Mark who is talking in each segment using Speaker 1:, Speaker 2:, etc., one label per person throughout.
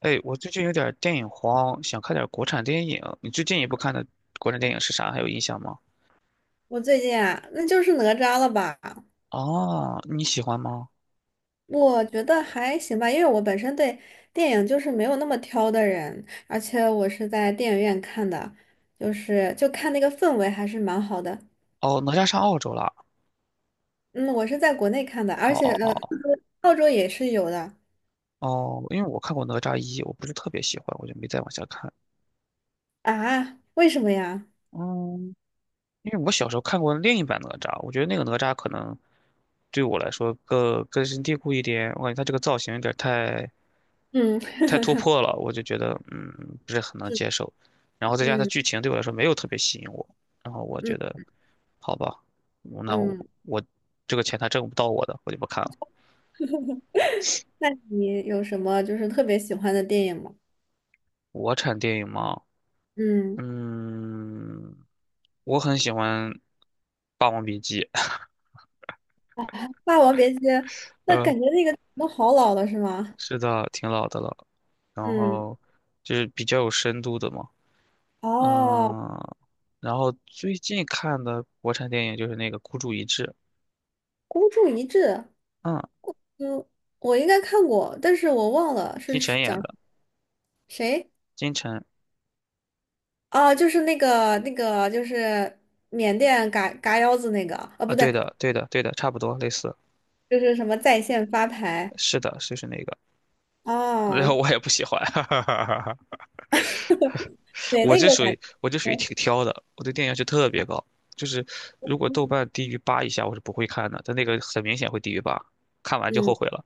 Speaker 1: 哎，我最近有点儿电影荒，想看点儿国产电影。你最近一部看的国产电影是啥？还有印象吗？
Speaker 2: 我最近啊，那就是哪吒了吧？
Speaker 1: 哦，你喜欢吗？
Speaker 2: 我觉得还行吧，因为我本身对电影就是没有那么挑的人，而且我是在电影院看的，就看那个氛围还是蛮好的。
Speaker 1: 哦，哪吒上澳洲了。
Speaker 2: 嗯，我是在国内看的，
Speaker 1: 哦
Speaker 2: 而
Speaker 1: 哦
Speaker 2: 且
Speaker 1: 哦
Speaker 2: 澳洲也是有的。
Speaker 1: 哦，因为我看过哪吒一，我不是特别喜欢，我就没再往下看。
Speaker 2: 啊？为什么呀？
Speaker 1: 嗯，因为我小时候看过另一版哪吒，我觉得那个哪吒可能对我来说更根深蒂固一点。我感觉他这个造型有点儿太
Speaker 2: 嗯
Speaker 1: 太突 破了，我就觉得不是很能接受。然后再加上它
Speaker 2: 嗯
Speaker 1: 剧情对我来说没有特别吸引我，然后我
Speaker 2: 嗯
Speaker 1: 觉得好吧，那我
Speaker 2: 嗯。
Speaker 1: 我这个钱他挣不到我的，我就不看了。
Speaker 2: 那你有什么就是特别喜欢的电影吗？
Speaker 1: 国产电影嘛，
Speaker 2: 嗯，
Speaker 1: 嗯，我很喜欢《霸王别姬》。
Speaker 2: 《霸王别姬》，那感
Speaker 1: 嗯，
Speaker 2: 觉那个都好老了是吗？
Speaker 1: 是的，挺老的了，然
Speaker 2: 嗯。
Speaker 1: 后就是比较有深度的嘛。
Speaker 2: 哦，
Speaker 1: 嗯，然后最近看的国产电影就是那个《孤注一掷》。
Speaker 2: 孤注一掷。
Speaker 1: 嗯，
Speaker 2: 嗯，我应该看过，但是我忘了是
Speaker 1: 金
Speaker 2: 是
Speaker 1: 晨演
Speaker 2: 讲
Speaker 1: 的，
Speaker 2: 谁。
Speaker 1: 金晨。
Speaker 2: 啊？就是那个那个，就是缅甸嘎嘎腰子那个啊，
Speaker 1: 啊，
Speaker 2: 不对，
Speaker 1: 对的，对的，对的，差不多类似，
Speaker 2: 就是什么在线发牌。
Speaker 1: 是的，就是那个，然
Speaker 2: 哦，
Speaker 1: 后我也不喜欢。
Speaker 2: 对，
Speaker 1: 我
Speaker 2: 那
Speaker 1: 这
Speaker 2: 个
Speaker 1: 属
Speaker 2: 感
Speaker 1: 于我这属于
Speaker 2: 觉，
Speaker 1: 挺挑的，我对电影要求特别高，就是如果豆瓣低于八以下，我是不会看的，但那个很明显会低于八，看完就后
Speaker 2: 嗯。
Speaker 1: 悔了。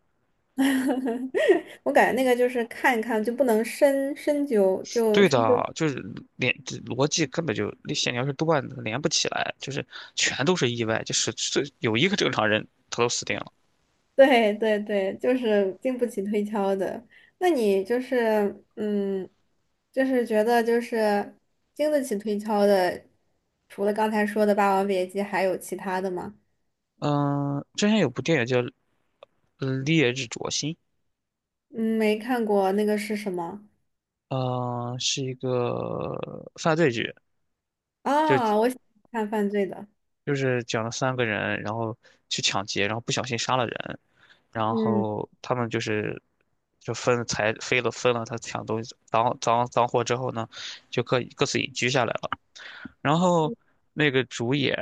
Speaker 2: 我感觉那个就是看一看就不能
Speaker 1: 对
Speaker 2: 深究。
Speaker 1: 的，就是连这逻辑根本就那线条是断的，连不起来，就是全都是意外，就是这有一个正常人他都死定了。
Speaker 2: 对对对，就是经不起推敲的。那你就是，嗯，就是觉得就是经得起推敲的，除了刚才说的《霸王别姬》，还有其他的吗？
Speaker 1: 嗯，之前有部电影叫《烈日灼心》，
Speaker 2: 嗯，没看过，那个是什么？
Speaker 1: 是一个犯罪剧，就
Speaker 2: 啊？我喜欢看犯罪的。
Speaker 1: 就是讲了三个人，然后去抢劫，然后不小心杀了人，然
Speaker 2: 嗯
Speaker 1: 后他们就是就分财飞了分了他抢东西赃货之后呢，就各自隐居下来了。然后那个主演，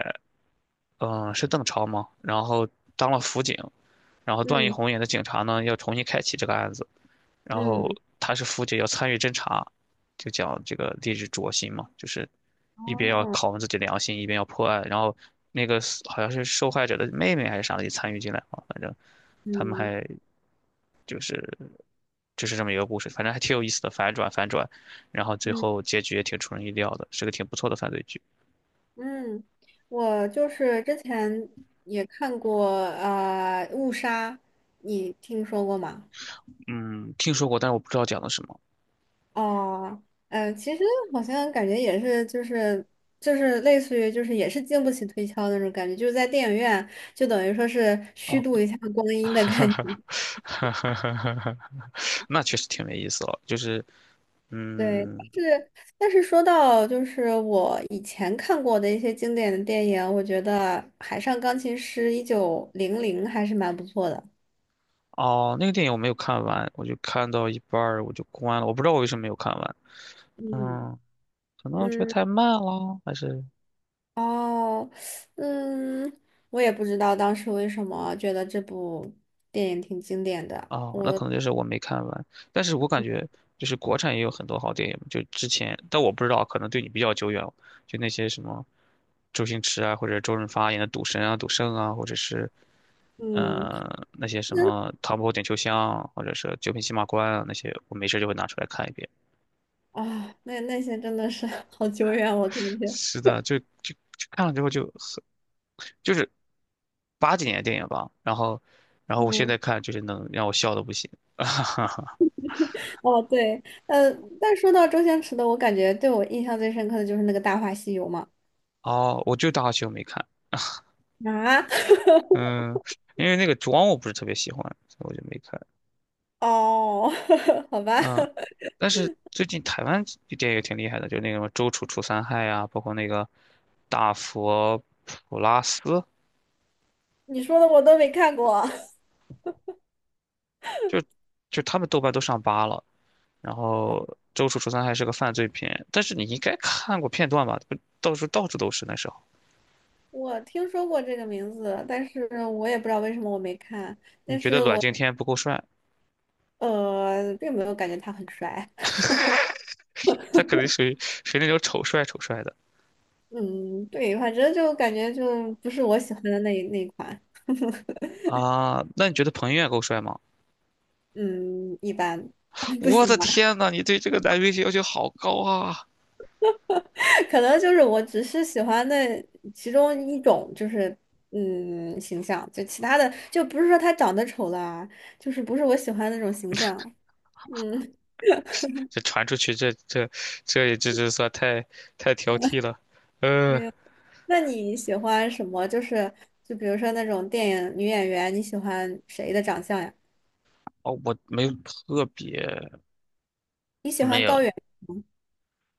Speaker 1: 嗯、是邓超嘛，然后当了辅警，然后段奕
Speaker 2: 嗯
Speaker 1: 宏演的警察呢，要重新开启这个案子。然后
Speaker 2: 嗯，
Speaker 1: 他是父亲要参与侦查，就讲这个励志灼心嘛，就是一边要
Speaker 2: 哦，
Speaker 1: 拷问自己良心，一边要破案。然后那个死好像是受害者的妹妹还是啥的也参与进来了，反正他们
Speaker 2: 嗯
Speaker 1: 还就是这么一个故事，反正还挺有意思的，反转反转，然后最
Speaker 2: 嗯
Speaker 1: 后结局也挺出人意料的，是个挺不错的犯罪剧。
Speaker 2: 嗯，我就是之前也看过啊，误杀》，你听说过吗？
Speaker 1: 嗯，听说过，但是我不知道讲的什么。
Speaker 2: 哦，嗯，其实好像感觉也是，就是类似于就是也是经不起推敲的那种感觉，就是在电影院就等于说是虚
Speaker 1: 哦。
Speaker 2: 度一下光阴的感觉。
Speaker 1: 那确实挺没意思了，就是，
Speaker 2: 对，但
Speaker 1: 嗯，
Speaker 2: 是但是说到就是我以前看过的一些经典的电影，我觉得《海上钢琴师》1900还是蛮不错的。
Speaker 1: 哦，那个电影我没有看完，我就看到一半儿我就关了，我不知道我为什么没有看完。
Speaker 2: 嗯
Speaker 1: 嗯，可能我觉得
Speaker 2: 嗯
Speaker 1: 太慢了，还是
Speaker 2: 哦嗯，我也不知道当时为什么觉得这部电影挺经典的。
Speaker 1: 哦，那可能就是我没看完。但是我感觉就是国产也有很多好电影，就之前，但我不知道，可能对你比较久远就那些什么周星驰啊，或者周润发演的《赌神》啊、《赌圣》啊，或者是
Speaker 2: 嗯。
Speaker 1: 那些 什
Speaker 2: 真
Speaker 1: 么《唐伯虎点秋香》啊或者是《九品芝麻官》啊那些，我没事就会拿出来看一遍。
Speaker 2: 那些真的是 好久远，我 感觉。
Speaker 1: 是的，就看了之后就是八几年的电影吧。然后我现
Speaker 2: 嗯，
Speaker 1: 在看就是能让我笑的不行。
Speaker 2: 哦对，呃，但说到周星驰的，我感觉对我印象最深刻的就是那个《大话西游》嘛。
Speaker 1: 哦，我就《大话西游》没看。
Speaker 2: 啊，
Speaker 1: 嗯，因为那个妆我不是特别喜欢，所以我就没看。
Speaker 2: 哦，好吧。
Speaker 1: 嗯，但是最近台湾的电影挺厉害的，就是那个什么周楚除三害啊，包括那个大佛普拉斯，
Speaker 2: 你说的我都没看过。
Speaker 1: 就就他们豆瓣都上八了。然
Speaker 2: 哦，
Speaker 1: 后周楚除三害是个犯罪片，但是你应该看过片段吧？不到处到处都是那时候。
Speaker 2: 我听说过这个名字，但是我也不知道为什么我没看。
Speaker 1: 你觉得阮经天不够帅？
Speaker 2: 并没有感觉他很帅。
Speaker 1: 他肯定属于那种丑帅丑帅的
Speaker 2: 嗯，对，反正就感觉就不是我喜欢的那一款。
Speaker 1: 啊。那你觉得彭于晏够帅吗？
Speaker 2: 嗯，一般。 不
Speaker 1: 我
Speaker 2: 喜
Speaker 1: 的
Speaker 2: 欢。
Speaker 1: 天呐，你对这个男明星要求好高啊！
Speaker 2: 可能就是我只是喜欢那其中一种，就是形象，就其他的就不是说他长得丑啦，就是不是我喜欢的那种形象。嗯，
Speaker 1: 这传出去，这也算太挑剔了。呃，
Speaker 2: 那你喜欢什么？就比如说那种电影女演员，你喜欢谁的长相呀？
Speaker 1: 哦，我没有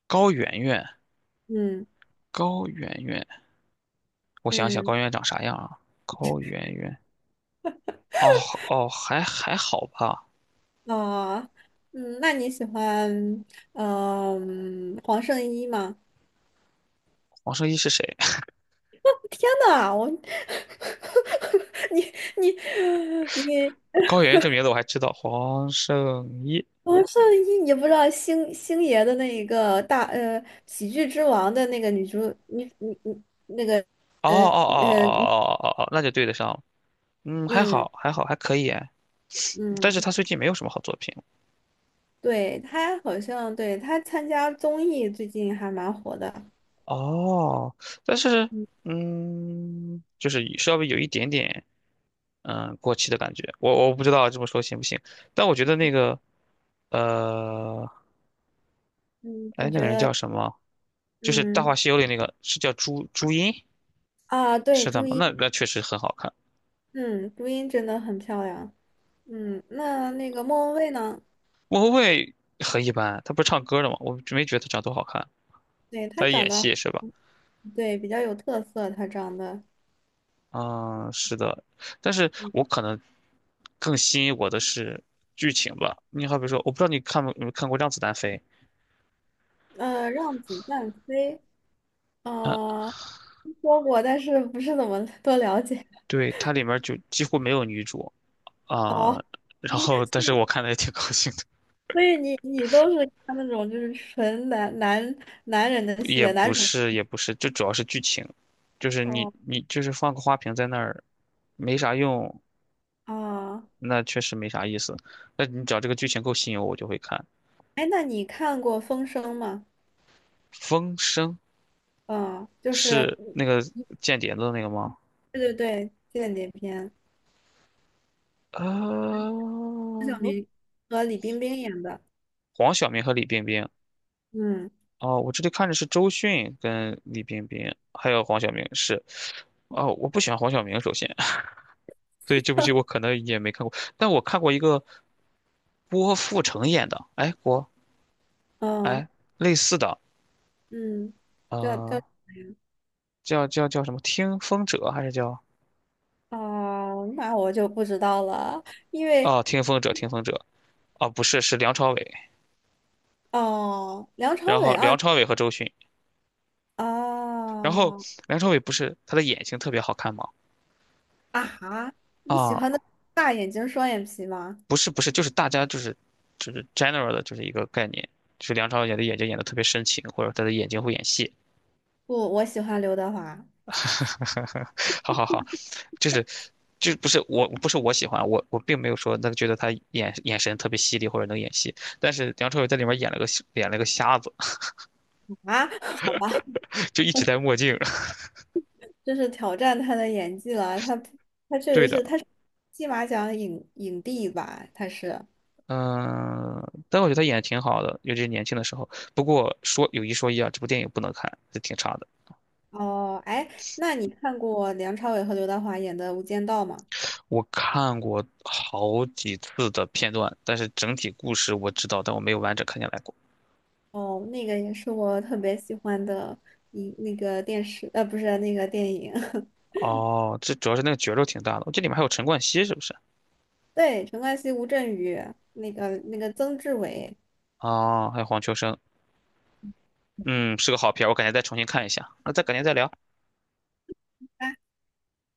Speaker 1: 高圆圆，
Speaker 2: 嗯
Speaker 1: 高圆圆，我想想
Speaker 2: 嗯
Speaker 1: 高圆圆长啥样啊？高圆圆，哦哦，还好吧。
Speaker 2: 哦嗯，那你喜欢黄圣依吗？
Speaker 1: 黄圣依是谁？
Speaker 2: 天呐，我 你你你。
Speaker 1: 高圆圆这名字我还知道，黄圣依。
Speaker 2: 王圣依，你不知道星星爷的那一个喜剧之王的那个女主女女女那个
Speaker 1: 哦哦
Speaker 2: 呃
Speaker 1: 哦
Speaker 2: 呃女
Speaker 1: 哦哦哦哦，哦那就对得上了。嗯，还
Speaker 2: 嗯
Speaker 1: 好，还好，还可以哎，但是
Speaker 2: 嗯，
Speaker 1: 他最近没有什么好作品
Speaker 2: 对，她好像对她参加综艺最近还蛮火的。
Speaker 1: 哦。但是，
Speaker 2: 嗯
Speaker 1: 就是稍微有一点点，过气的感觉。我不知道这么说行不行，但我觉得那个，呃，
Speaker 2: 嗯，
Speaker 1: 哎，
Speaker 2: 你
Speaker 1: 那个
Speaker 2: 觉
Speaker 1: 人
Speaker 2: 得
Speaker 1: 叫什么？就是《大话
Speaker 2: 嗯
Speaker 1: 西游》里那个，是叫朱茵，
Speaker 2: 啊，对，
Speaker 1: 是的
Speaker 2: 朱
Speaker 1: 吗？那
Speaker 2: 茵。
Speaker 1: 那确实很好看。
Speaker 2: 嗯，朱茵真的很漂亮。嗯，那个莫文蔚呢？
Speaker 1: 莫文蔚很一般，她不是唱歌的吗？我没觉得她长多好看，
Speaker 2: 对，她
Speaker 1: 她
Speaker 2: 长
Speaker 1: 演
Speaker 2: 得，
Speaker 1: 戏是吧？
Speaker 2: 对，比较有特色，她长得。
Speaker 1: 啊，是的，但是
Speaker 2: 嗯，
Speaker 1: 我可能更吸引我的是剧情吧。你好比说，我不知道你看没有看过《让子弹飞》，
Speaker 2: 让子弹飞。啊，说过，但是不是怎么多了解。
Speaker 1: 对，它里面儿就几乎没有女主
Speaker 2: 哦，
Speaker 1: 啊，然
Speaker 2: 你
Speaker 1: 后但是我看的也挺高兴的，
Speaker 2: 所以你都是看那种就是纯男人的戏，
Speaker 1: 也
Speaker 2: 男
Speaker 1: 不
Speaker 2: 主。
Speaker 1: 是也不是，就主要是剧情，就是你
Speaker 2: 哦
Speaker 1: 你就是放个花瓶在那儿，没啥用，
Speaker 2: 啊，
Speaker 1: 那确实没啥意思。那你只要这个剧情够吸引我，我就会看。
Speaker 2: 哎，那你看过《风声》吗？
Speaker 1: 《风声》
Speaker 2: 嗯，就是
Speaker 1: 是那个间谍的那个吗？
Speaker 2: 对对对，间谍片，
Speaker 1: 呃，
Speaker 2: 和李冰冰演的。
Speaker 1: 黄晓明和李冰冰。
Speaker 2: 嗯
Speaker 1: 哦，我这里看着是周迅跟李冰冰，还有黄晓明是。哦，我不喜欢黄晓明，首先。所以这部剧我可能也没看过，但我看过一个郭富城演的，哎，
Speaker 2: 嗯
Speaker 1: 哎，类似的，
Speaker 2: 嗯，叫
Speaker 1: 呃，
Speaker 2: 什么呀？
Speaker 1: 叫什么《听风者》还是叫
Speaker 2: 哦，那我就不知道了，因为
Speaker 1: 哦，《听风者》哦，不是，是梁朝伟，
Speaker 2: 哦，梁朝
Speaker 1: 然后
Speaker 2: 伟啊。
Speaker 1: 梁朝伟和周迅，然后
Speaker 2: 哦，
Speaker 1: 梁朝伟不是他的眼睛特别好看吗？
Speaker 2: 啊哈，你喜欢的
Speaker 1: 啊、
Speaker 2: 大眼睛双眼皮吗？
Speaker 1: 不是不是，就是大家就是 general 的，就是一个概念，就是梁朝伟的眼睛演的特别深情，或者他的眼睛会演戏。
Speaker 2: 不，我喜欢刘德华啊。
Speaker 1: 好好好，就是就不是我喜欢我并没有说那个觉得他眼神特别犀利或者能演戏，但是梁朝伟在里面演了个瞎子。
Speaker 2: 好吧，
Speaker 1: 就一直戴墨镜。
Speaker 2: 这是挑战他的演技了。他确
Speaker 1: 对
Speaker 2: 实
Speaker 1: 的，
Speaker 2: 是，他是金马奖影帝吧？
Speaker 1: 嗯、但我觉得他演的挺好的，尤其是年轻的时候。不过说有一说一啊，这部电影不能看，是挺差的。
Speaker 2: 哦，哎，那你看过梁朝伟和刘德华演的《无间道》吗？
Speaker 1: 我看过好几次的片段，但是整体故事我知道，但我没有完整看下来过。
Speaker 2: 哦，那个也是我特别喜欢的那个电视，不是那个电影。
Speaker 1: 哦，这主要是那个角肉挺大的，这里面还有陈冠希是不是？
Speaker 2: 对，陈冠希、吴镇宇，那个曾志伟。
Speaker 1: 哦，还有黄秋生。嗯，是个好片儿我改天再重新看一下。那再改天再聊。